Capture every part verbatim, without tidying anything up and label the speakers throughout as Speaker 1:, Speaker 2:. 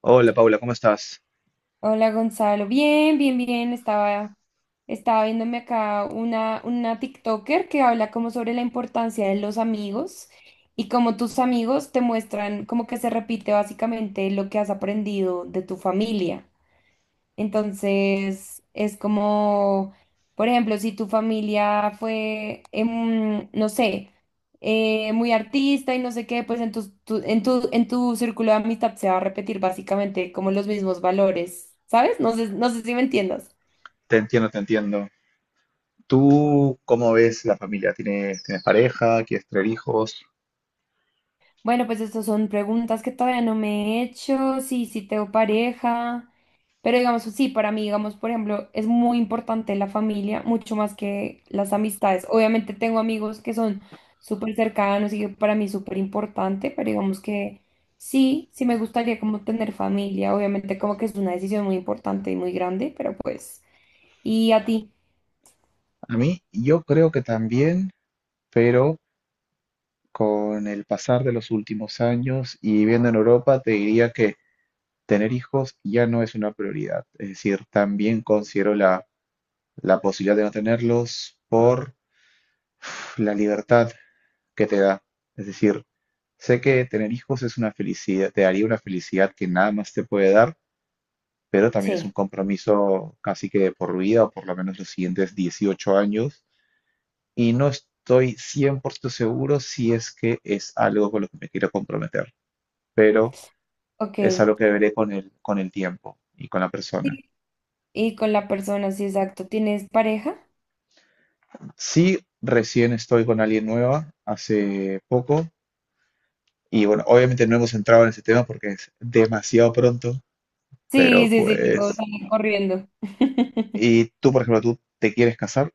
Speaker 1: Hola Paula, ¿cómo estás?
Speaker 2: Hola Gonzalo, bien, bien, bien. Estaba, estaba viéndome acá una, una TikToker que habla como sobre la importancia de los amigos y cómo tus amigos te muestran como que se repite básicamente lo que has aprendido de tu familia. Entonces, es como, por ejemplo, si tu familia fue, em, no sé, eh, muy artista y no sé qué, pues en tu, tu- en tu, en tu círculo de amistad se va a repetir básicamente como los mismos valores, ¿sabes? No sé, no sé si me entiendas.
Speaker 1: Te entiendo, te entiendo. ¿Tú cómo ves la familia? ¿Tienes, tienes pareja? ¿Quieres tener hijos?
Speaker 2: Bueno, pues estas son preguntas que todavía no me he hecho. Sí, sí tengo pareja, pero digamos, sí, para mí, digamos, por ejemplo, es muy importante la familia, mucho más que las amistades. Obviamente tengo amigos que son súper cercanos y que para mí es súper importante, pero digamos que sí, sí me gustaría como tener familia, obviamente como que es una decisión muy importante y muy grande, pero pues, ¿y a ti?
Speaker 1: A mí, yo creo que también, pero con el pasar de los últimos años y viviendo en Europa, te diría que tener hijos ya no es una prioridad. Es decir, también considero la, la posibilidad de no tenerlos por pf, la libertad que te da. Es decir, sé que tener hijos es una felicidad, te daría una felicidad que nada más te puede dar, pero también es
Speaker 2: Sí,
Speaker 1: un compromiso casi que de por vida, o por lo menos los siguientes dieciocho años, y no estoy cien por ciento seguro si es que es algo con lo que me quiero comprometer, pero es
Speaker 2: ok.
Speaker 1: algo que veré con el, con el tiempo y con la persona.
Speaker 2: Sí. Y con la persona, sí, exacto. ¿Tienes pareja?
Speaker 1: Sí, recién estoy con alguien nueva, hace poco, y bueno, obviamente no hemos entrado en ese tema porque es demasiado pronto, pero
Speaker 2: Sí, sí, sí, digo,
Speaker 1: pues...
Speaker 2: sale corriendo.
Speaker 1: ¿Y tú, por ejemplo, tú te quieres casar?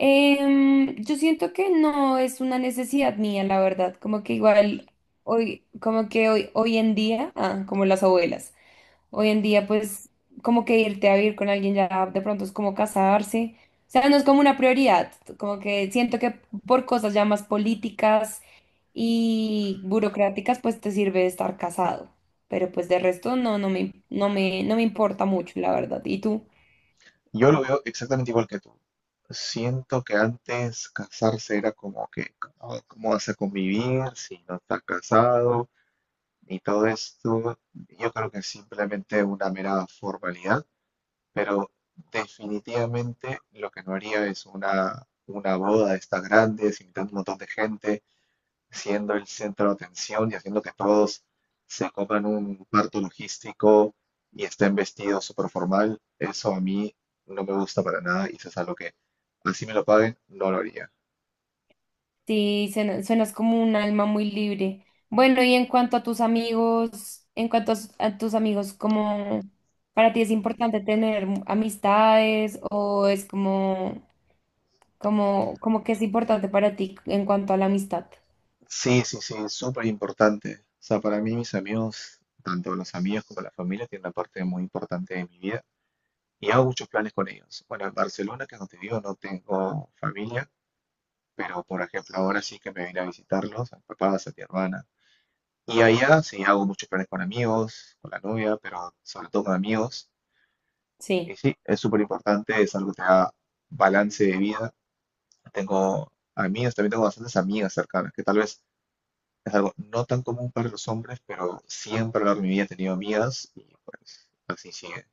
Speaker 2: Em, yo siento que no es una necesidad mía, la verdad. Como que igual hoy, como que hoy, hoy en día, ah, como las abuelas, hoy en día, pues, como que irte a vivir con alguien ya de pronto es como casarse. O sea, no es como una prioridad. Como que siento que por cosas ya más políticas y burocráticas, pues te sirve estar casado. Pero pues de resto no, no me, no me, no me importa mucho, la verdad. ¿Y tú?
Speaker 1: Yo lo veo exactamente igual que tú. Siento que antes casarse era como que, "Ah, ¿cómo vas a convivir si no estás casado?". Y todo esto, yo creo que es simplemente una mera formalidad, pero definitivamente lo que no haría es una, una boda de estas grandes, invitando un montón de gente, siendo el centro de atención y haciendo que todos se coman un parto logístico y estén vestidos súper formal. Eso a mí no me gusta para nada y eso es algo que, así me lo paguen, no lo haría.
Speaker 2: Sí, suena- suenas como un alma muy libre. Bueno, y en cuanto a tus amigos, en cuanto a, s- a tus amigos, ¿cómo para ti es importante tener mu- amistades o es como, como, como que es importante para ti en cuanto a la amistad?
Speaker 1: Sí, sí, sí, es súper importante. O sea, para mí mis amigos, tanto los amigos como la familia, tienen una parte muy importante de mi vida y hago muchos planes con ellos. Bueno, en Barcelona, que no te digo, no tengo familia, pero por ejemplo ahora sí que me vine a visitarlos, a mis papás, a mi hermana. Y, ajá, allá sí hago muchos planes con amigos, con la novia, pero sobre todo con amigos. Y
Speaker 2: Sí.
Speaker 1: sí, es súper importante, es algo que te da balance de vida. Tengo amigas, también tengo bastantes amigas cercanas, que tal vez es algo no tan común para los hombres, pero siempre a lo largo de mi vida he tenido amigas y pues así sigue.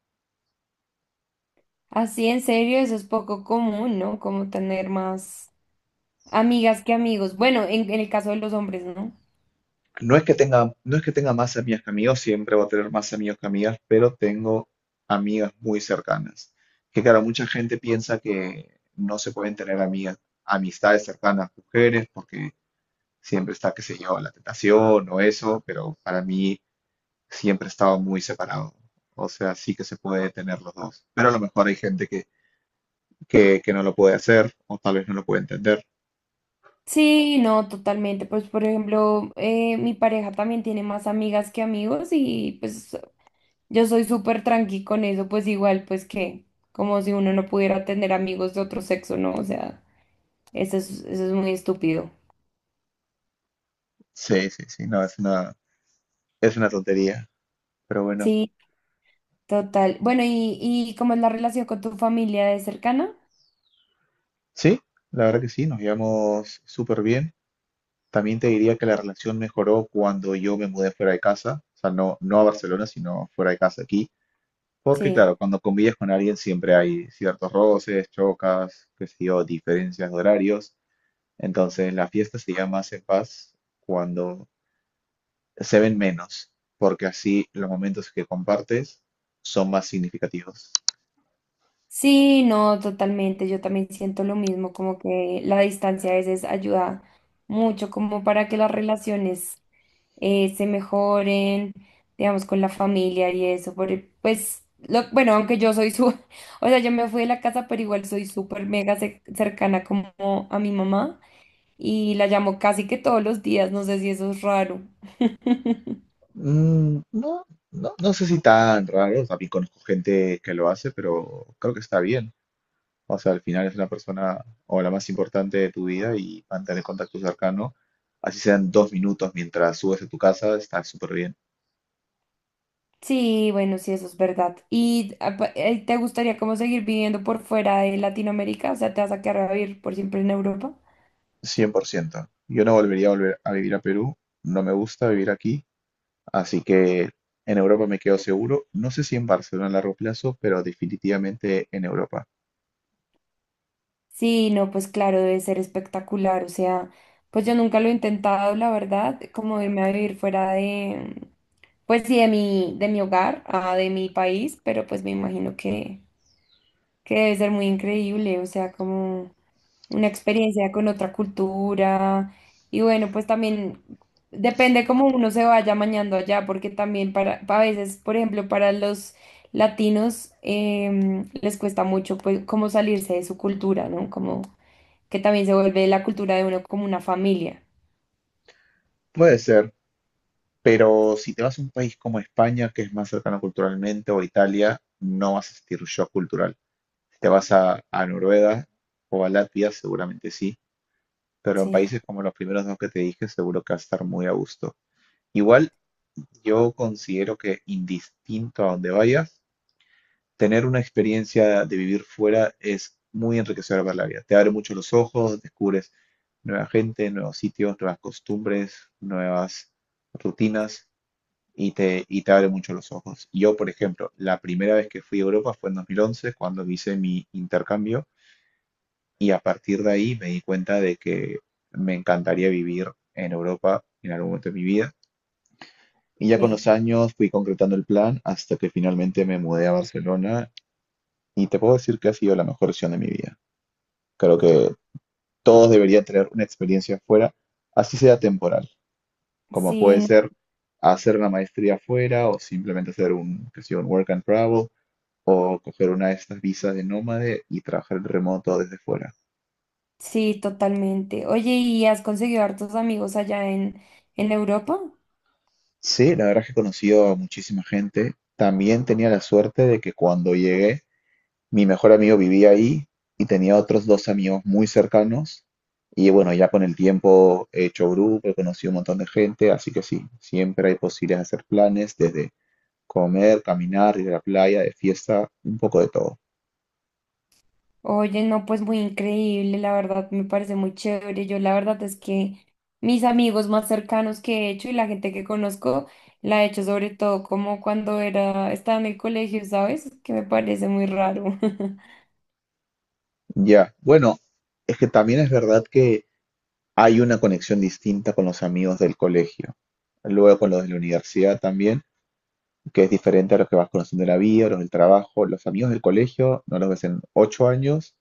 Speaker 2: Así, en serio, eso es poco común, ¿no? Como tener más amigas que amigos. Bueno, en, en el caso de los hombres, ¿no?
Speaker 1: No es que tenga, no es que tenga más amigas que amigos, siempre voy a tener más amigos que amigas, pero tengo amigas muy cercanas. Que claro, mucha gente piensa que no se pueden tener amigas, amistades cercanas mujeres, porque siempre está, qué sé yo, la tentación o eso, pero para mí siempre estaba muy separado. O sea, sí que se puede tener los dos. Pero a lo mejor hay gente que, que, que no lo puede hacer o tal vez no lo puede entender.
Speaker 2: Sí, no, totalmente. Pues, por ejemplo, eh, mi pareja también tiene más amigas que amigos y pues Yo soy súper tranqui con eso, pues igual, pues que, como si uno no pudiera tener amigos de otro sexo, ¿no? O sea, eso es, eso es muy estúpido.
Speaker 1: Sí, sí, sí, no, es una, es una tontería. Pero bueno.
Speaker 2: Sí, total. Bueno, ¿y, y cómo es la relación con tu familia? ¿Es cercana?
Speaker 1: Sí, la verdad que sí, nos llevamos súper bien. También te diría que la relación mejoró cuando yo me mudé fuera de casa, o sea, no, no a Barcelona, sino fuera de casa aquí. Porque
Speaker 2: Sí.
Speaker 1: claro, cuando convives con alguien siempre hay ciertos roces, chocas, qué sé yo, diferencias de horarios. Entonces la fiesta se llama más en paz cuando se ven menos, porque así los momentos que compartes son más significativos.
Speaker 2: Sí, no, totalmente. Yo también siento lo mismo, como que la distancia a veces ayuda mucho como para que las relaciones eh, se mejoren, digamos, con la familia y eso, por- e, pues, lo, bueno, aunque yo soy su, o sea, yo me fui de la casa, pero igual soy súper mega ce- cercana como a mi mamá y la llamo casi que todos los días, no sé si eso es raro.
Speaker 1: Mm, no, no, no sé si tan raro, también conozco gente que lo hace, pero creo que está bien. O sea, al final es una persona o la más importante de tu vida y mantener contacto cercano, así sean dos minutos mientras subes a tu casa, está súper bien.
Speaker 2: Sí, bueno, sí, eso es verdad. ¿Y ah, pa- eh, te gustaría como seguir viviendo por fuera de Latinoamérica? O sea, ¿te vas a quedar a vivir por siempre en Europa?
Speaker 1: Cien por ciento. Yo no volvería a volver a vivir a Perú, no me gusta vivir aquí, así que en Europa me quedo seguro. No sé si en Barcelona a largo plazo, pero definitivamente en Europa.
Speaker 2: Sí, no, pues claro, debe ser espectacular. O sea, pues yo nunca lo he intentado, la verdad, como irme a vivir fuera de, pues sí, de mi, de mi hogar, ah, de mi país, pero pues me imagino que, que, debe ser muy increíble. O sea, como una experiencia con otra cultura. Y bueno, pues también depende cómo uno se vaya mañando allá, porque también para, a veces, por ejemplo, para los latinos em, les cuesta mucho, pues, como salirse de su cultura, ¿no? Como que también se vuelve la cultura de uno como una familia.
Speaker 1: Puede ser, pero si te vas a un país como España, que es más cercano culturalmente, o Italia, no vas a sentir shock cultural. Si te vas a, a Noruega o a Latvia, seguramente sí, pero en
Speaker 2: Sí,
Speaker 1: países como los primeros dos que te dije, seguro que vas a estar muy a gusto. Igual, yo considero que indistinto a donde vayas, tener una experiencia de vivir fuera es muy enriquecedora para la vida. Te abre mucho los ojos, descubres nueva gente, nuevos sitios, nuevas costumbres, nuevas rutinas y te, y te abre mucho los ojos. Yo, por ejemplo, la primera vez que fui a Europa fue en dos mil once, cuando hice mi intercambio, y a partir de ahí me di cuenta de que me encantaría vivir en Europa en algún momento de mi vida. Y ya con
Speaker 2: sí,
Speaker 1: los años fui concretando el plan hasta que finalmente me mudé a Barcelona y te puedo decir que ha sido la mejor decisión de mi vida. Creo que todos deberían tener una experiencia afuera, así sea temporal, como
Speaker 2: sí,
Speaker 1: puede
Speaker 2: no-
Speaker 1: ser hacer una maestría afuera o simplemente hacer un, que sea, un work and travel o coger una de estas visas de nómade y trabajar en remoto desde fuera.
Speaker 2: sí, totalmente. Oye, ¿y has conseguido hartos amigos allá en, en Europa?
Speaker 1: Sí, la verdad es que he conocido a muchísima gente. También tenía la suerte de que cuando llegué, mi mejor amigo vivía ahí y tenía otros dos amigos muy cercanos. Y bueno, ya con el tiempo he hecho grupo, he conocido un montón de gente, así que sí, siempre hay posibilidades de hacer planes, desde comer, caminar, ir a la playa, de fiesta, un poco de todo.
Speaker 2: Oye, no, pues muy increíble, la verdad, me parece muy chévere. Yo la verdad es que mis amigos más cercanos que he hecho y la gente que conozco, la he hecho sobre todo como cuando era, estaba en el colegio, ¿sabes? Que me parece muy raro.
Speaker 1: Ya, bueno, es que también es verdad que hay una conexión distinta con los amigos del colegio, luego con los de la universidad también, que es diferente a los que vas conociendo en la vida, los del trabajo. Los amigos del colegio no los ves en ocho años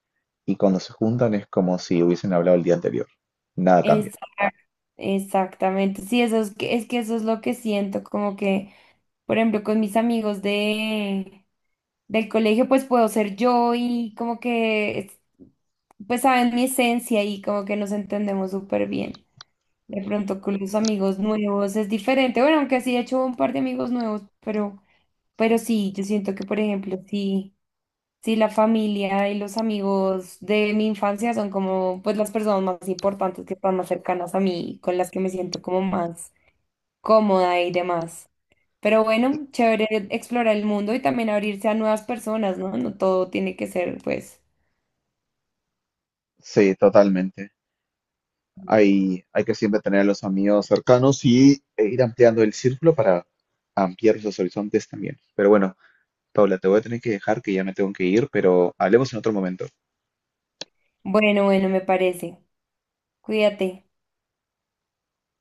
Speaker 1: y cuando se juntan es como si hubiesen hablado el día anterior. Nada cambia.
Speaker 2: Exacto. Exactamente, sí, eso es que, es que eso es lo que siento, como que Por ejemplo, con mis amigos de, del colegio, pues puedo ser yo y como que, es- pues saben mi esencia y como que nos entendemos súper bien. De pronto con los amigos nuevos es diferente. Bueno, aunque sí he hecho un par de amigos nuevos, pero, pero sí, yo siento que, por ejemplo, sí, sí la familia y los amigos de mi infancia son como, pues las personas más importantes que están más cercanas a mí, con las que me siento como más cómoda y demás. Pero bueno, chévere explorar el mundo y también abrirse a nuevas personas, ¿no? No todo tiene que ser, pues.
Speaker 1: Sí, totalmente. Hay, hay que siempre tener a los amigos cercanos y e ir ampliando el círculo para ampliar los horizontes también. Pero bueno, Paula, te voy a tener que dejar que ya me tengo que ir, pero hablemos en otro momento.
Speaker 2: Bueno, bueno, me parece. Cuídate.